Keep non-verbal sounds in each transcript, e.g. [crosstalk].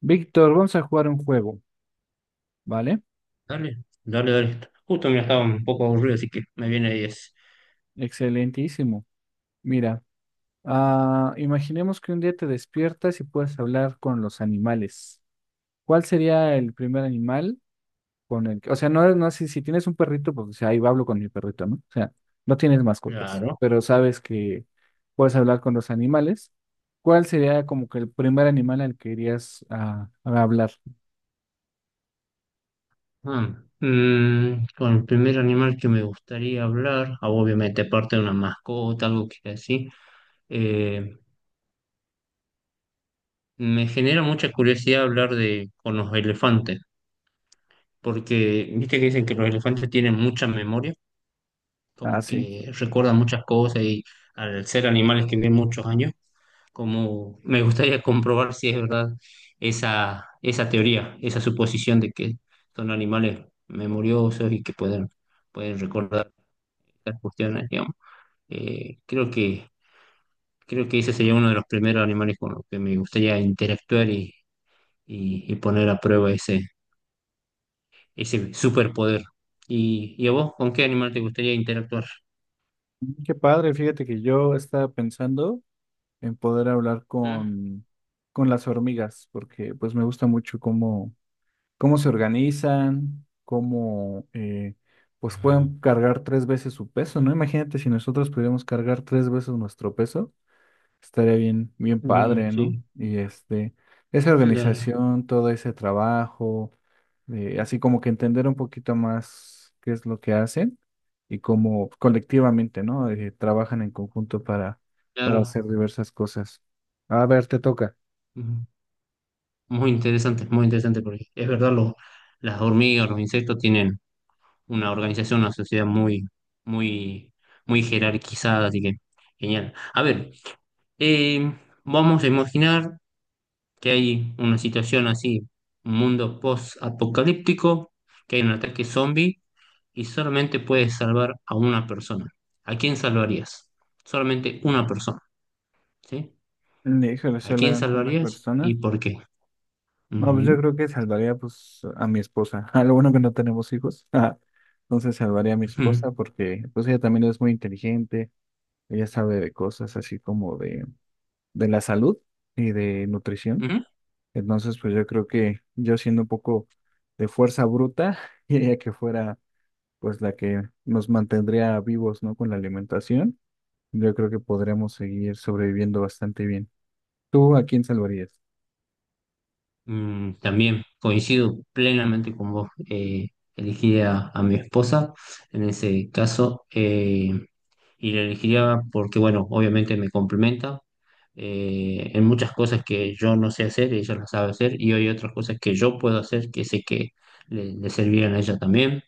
Víctor, vamos a jugar un juego, ¿vale? Dale, dale, dale. Justo me estaba un poco aburrido, así que me viene diez. Excelentísimo. Mira, imaginemos que un día te despiertas y puedes hablar con los animales. ¿Cuál sería el primer animal con el que, o sea, no, sé si tienes un perrito, pues o sea, ahí hablo con mi perrito, ¿no? O sea, no tienes mascotas, Claro. pero sabes que puedes hablar con los animales. ¿Cuál sería como que el primer animal al que irías a hablar? Ah, con el primer animal que me gustaría hablar, obviamente parte de una mascota, algo que así, eh, me genera mucha curiosidad hablar de con los elefantes, porque viste que dicen que los elefantes tienen mucha memoria, como Así. que recuerdan muchas cosas y al ser animales que viven muchos años, como me gustaría comprobar si es verdad esa teoría, esa suposición de que son animales memoriosos y que pueden recordar estas cuestiones, digamos. Eh, creo que, creo que ese sería uno de los primeros animales con los que me gustaría interactuar y poner a prueba ese superpoder. ¿Y a vos, ¿con qué animal te gustaría interactuar? Qué padre, fíjate que yo estaba pensando en poder hablar ¿Mm? Con las hormigas, porque pues me gusta mucho cómo, cómo se organizan, cómo pues Ah, pueden cargar tres veces su peso, ¿no? Imagínate si nosotros pudiéramos cargar tres veces nuestro peso, estaría bien, bien mm, padre, ¿no? sí, Y este, esa claro, organización, todo ese trabajo, así como que entender un poquito más qué es lo que hacen y cómo colectivamente, ¿no? Trabajan en conjunto para claro. hacer diversas cosas. A ver, te toca. Ujú. Muy interesante, porque es verdad, los, las hormigas, los insectos tienen una organización, una sociedad muy, muy, muy jerarquizada, así que genial. A ver, eh, vamos a imaginar que hay una situación así, un mundo post-apocalíptico, que hay un ataque zombie y solamente puedes salvar a una persona. ¿A quién salvarías? Solamente una persona, ¿sí? Híjole, ¿A solo quién a una salvarías y persona. por qué? No, pues yo Ujú, creo que salvaría pues a mi esposa. [laughs] Ah, lo bueno que no tenemos hijos. [laughs] Entonces salvaría a mi ujú, esposa porque pues ella también es muy inteligente. Ella sabe de cosas así como de la salud y de nutrición. ujú. Entonces, pues yo creo que yo siendo un poco de fuerza bruta, [laughs] diría que fuera pues la que nos mantendría vivos, ¿no? Con la alimentación, yo creo que podríamos seguir sobreviviendo bastante bien. ¿Tú a quién salvarías? [laughs] También coincido plenamente con vos. Elegiría a mi esposa en ese caso, y la elegiría porque, bueno, obviamente me complementa, en muchas cosas que yo no sé hacer, ella las sabe hacer y hay otras cosas que yo puedo hacer que sé que le servirían a ella también.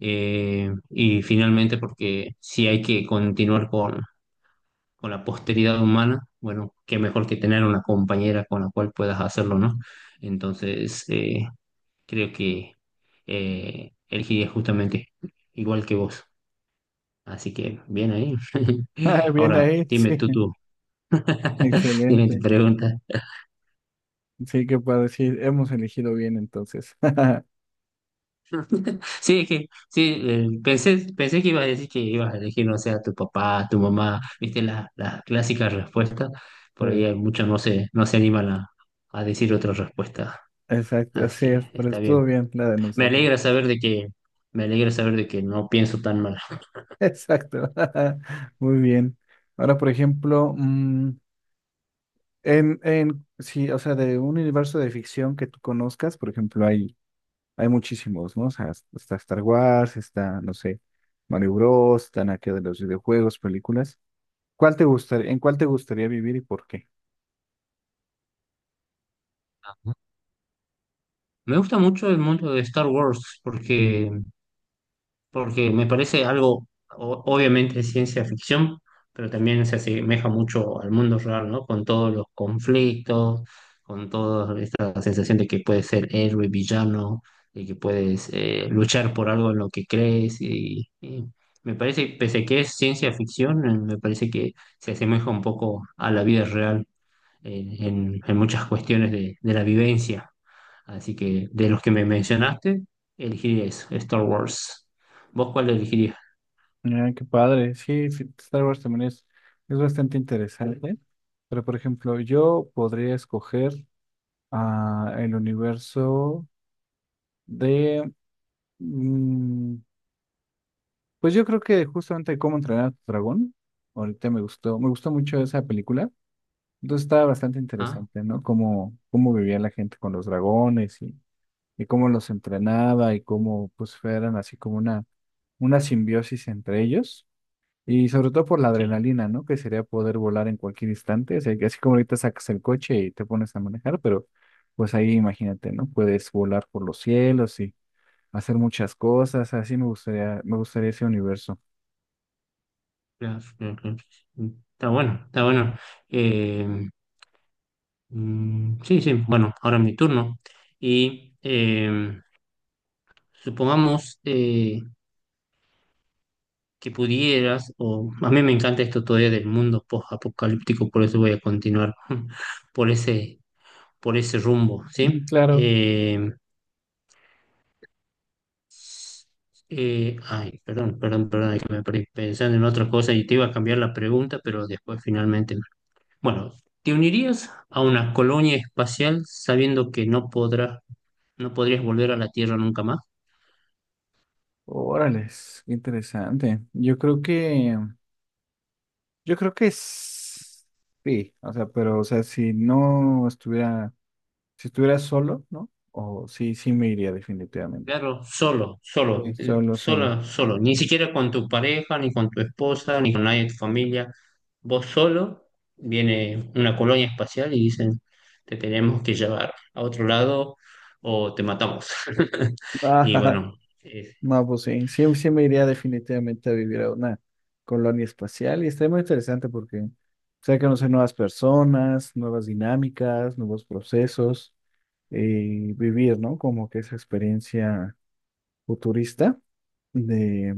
Y finalmente, porque si hay que continuar con la posteridad humana, bueno, qué mejor que tener una compañera con la cual puedas hacerlo, ¿no? Entonces, creo que, elegiría justamente igual que vos. Así que bien ahí. [laughs] Ah, bien Ahora, ahí, sí, dime tú, [laughs] [laughs] dime tu excelente. pregunta. Sí, que para decir, hemos elegido bien entonces. [laughs] Sí, es que sí, pensé que ibas a decir que ibas a elegir, no sé, a tu papá, a tu mamá, viste las clásicas respuestas. Por ahí Sí, hay muchos no se animan a decir otra respuesta. exacto, Así así es, que pero está bien. estuvo bien la de Me nosotros. alegra saber de que, me alegra saber de que no pienso tan mal. [laughs] Exacto, [laughs] muy bien. Ahora, por ejemplo, sí, o sea, de un universo de ficción que tú conozcas, por ejemplo, hay muchísimos, ¿no? O sea, está Star Wars, está, no sé, Mario Bros, están aquí de los videojuegos, películas. ¿Cuál te gustaría, en cuál te gustaría vivir y por qué? Me gusta mucho el mundo de Star Wars, porque me parece algo, obviamente es ciencia ficción, pero también se asemeja mucho al mundo real, ¿no? Con todos los conflictos, con toda esta sensación de que puedes ser héroe, villano, de que puedes, luchar por algo en lo que crees. Y me parece, pese que es ciencia ficción, me parece que se asemeja un poco a la vida real, en muchas cuestiones de la vivencia. Así que de los que me mencionaste, elegí eso, Star Wars. ¿Vos cuál elegirías? Ah, qué padre. Sí, sí, Star Wars también es bastante interesante. Pero, por ejemplo, yo podría escoger el universo de... pues yo creo que justamente cómo entrenar a tu dragón, ahorita me gustó mucho esa película. Entonces estaba bastante Ah, interesante, ¿no? Cómo, cómo vivía la gente con los dragones y cómo los entrenaba y cómo pues eran así como una simbiosis entre ellos. Y sobre todo por la sí. adrenalina, ¿no? Que sería poder volar en cualquier instante. O sea, que así como ahorita sacas el coche y te pones a manejar, pero pues ahí imagínate, ¿no? Puedes volar por los cielos y hacer muchas cosas. Así me gustaría ese universo. Claro, claro, claro. Sí. Está bueno, está bueno. Eh, sí, sí, bueno, ahora es mi turno. Y, supongamos, que pudieras, o a mí me encanta esto todavía del mundo post-apocalíptico, por eso voy a continuar [laughs] por ese, por ese rumbo, ¿sí? Ujú, claro. Eh, ay, perdón, perdón, perdón, es que me perdí pensando en otra cosa y te iba a cambiar la pregunta, pero después finalmente. Bueno, ¿te unirías a una colonia espacial sabiendo que no podrás, no podrías volver a la Tierra nunca más? Órale, qué interesante. Yo creo que sí, o sea, pero, o sea, si no estuviera, si estuviera solo, ¿no? O sí, sí me iría definitivamente. Claro, solo, Sí. solo, Solo, solo. solo, solo, ni siquiera con tu pareja, ni con tu esposa, ni con nadie de tu familia. Vos solo, viene una colonia espacial y dicen, te tenemos que llevar a otro lado o te matamos. [laughs] Y Ah, [laughs] bueno, es- no, pues sí, sí, sí me iría definitivamente a vivir a una colonia espacial y está muy interesante porque, o sea, conocer nuevas personas, nuevas dinámicas, nuevos procesos y vivir, ¿no? Como que esa experiencia futurista de,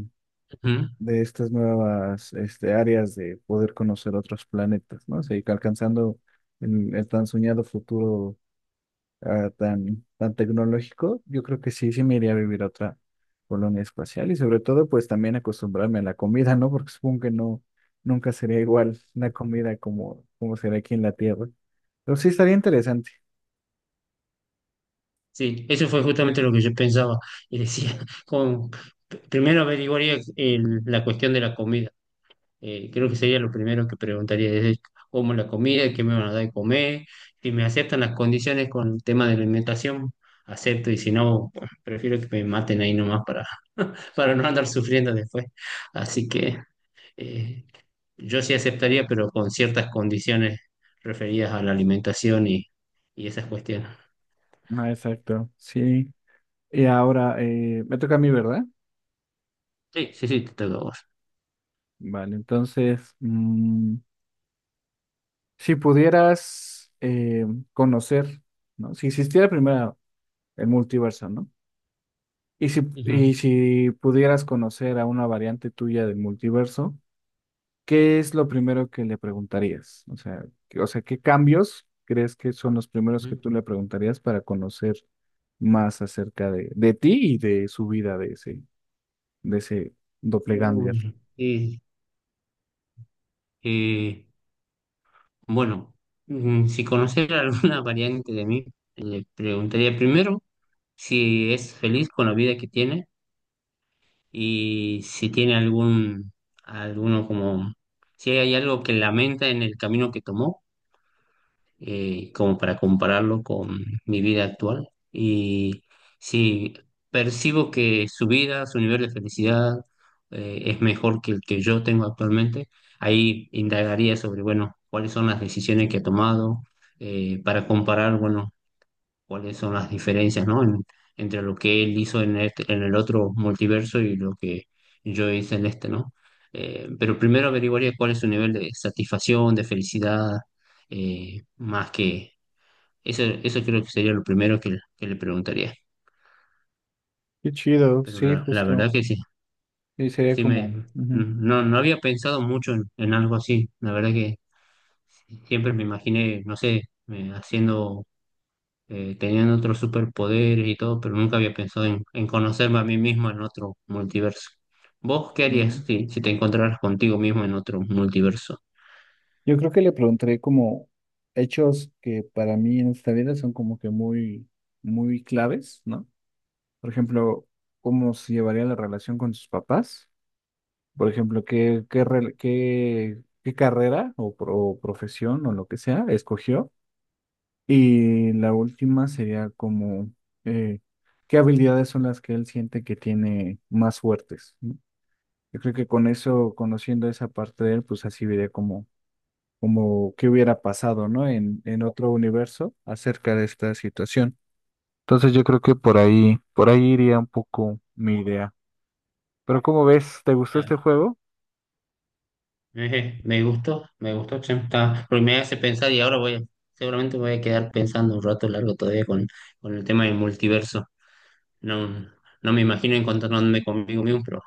de estas nuevas este, áreas de poder conocer otros planetas, ¿no? O sea, y alcanzando el tan soñado futuro tan, tan tecnológico, yo creo que sí, sí me iría a vivir a otra colonia espacial y sobre todo pues también acostumbrarme a la comida, ¿no? Porque supongo que no, nunca sería igual la comida como, como será aquí en la Tierra. Pero sí estaría interesante. sí, eso fue justamente lo que yo pensaba y decía, [laughs] como, primero averiguaría la cuestión de la comida. Creo que sería lo primero que preguntaría, desde cómo la comida, qué me van a dar de comer, si me aceptan las condiciones con el tema de la alimentación, acepto, y si no, bueno, prefiero que me maten ahí nomás para, [laughs] para no andar sufriendo después. Así que, eh, yo sí aceptaría, pero con ciertas condiciones referidas a la alimentación y esas cuestiones. Ah, exacto, sí. Y ahora me toca a mí, ¿verdad? Sí, sí, sí, te toca a vos. Vale, entonces, si pudieras conocer, ¿no? Si existiera primero el multiverso, ¿no? Ujú. Y si pudieras conocer a una variante tuya del multiverso, ¿qué es lo primero que le preguntarías? O sea, o sea, ¿qué cambios crees que son los primeros que Ujú. tú le preguntarías para conocer más acerca de ti y de su vida, de ese doppelganger? Uy, eh, bueno, si conociera [laughs] alguna variante de mí, le preguntaría primero si es feliz con la vida que tiene y si tiene algún, alguno como, si hay algo que lamenta en el camino que tomó, como para compararlo con mi vida actual. Y si percibo que su vida, su nivel de felicidad, es mejor que el que yo tengo actualmente, ahí indagaría sobre, bueno, cuáles son las decisiones que ha tomado, para comparar, bueno, cuáles son las diferencias, ¿no? Entre lo que él hizo en el otro multiverso y lo que yo hice en este, ¿no? Pero primero averiguaría cuál es su nivel de satisfacción, de felicidad, más que eso creo que sería lo primero que le preguntaría. Qué chido, Pero sí, la justo. verdad que sí, Y sería sí como... me, ujú. no, no había pensado mucho en algo así. La verdad que siempre me imaginé, no sé, haciendo, tenían otros superpoderes y todo, pero nunca había pensado en conocerme a mí mismo en otro multiverso. ¿Vos qué harías si, si te encontraras contigo mismo en otro multiverso? Yo creo que le preguntaré como hechos que para mí en esta vida son como que muy, muy claves, ¿no? Por ejemplo, cómo se llevaría la relación con sus papás. Por ejemplo, qué, qué carrera o profesión o lo que sea escogió. Y la última sería como eh, qué habilidades son las que él siente que tiene más fuertes, ¿no? Yo creo que con eso, conociendo esa parte de él, pues así vería como como qué hubiera pasado, ¿no? En otro universo acerca de esta situación. Entonces yo creo que por ahí iría un poco mi idea. Pero ¿cómo ves? ¿Te gustó este Ya. juego? Ejé, me gustó, che, está-, porque me hace pensar y ahora voy a, seguramente voy a quedar pensando un rato largo todavía con el tema del multiverso. No, no me imagino encontrándome conmigo mismo, pero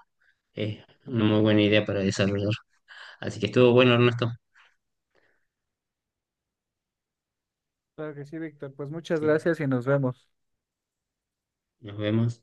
es una muy buena idea para desarrollar. Así que estuvo bueno, Ernesto. Claro que sí, Víctor. Pues muchas Sí, gracias y nos vemos. nos vemos.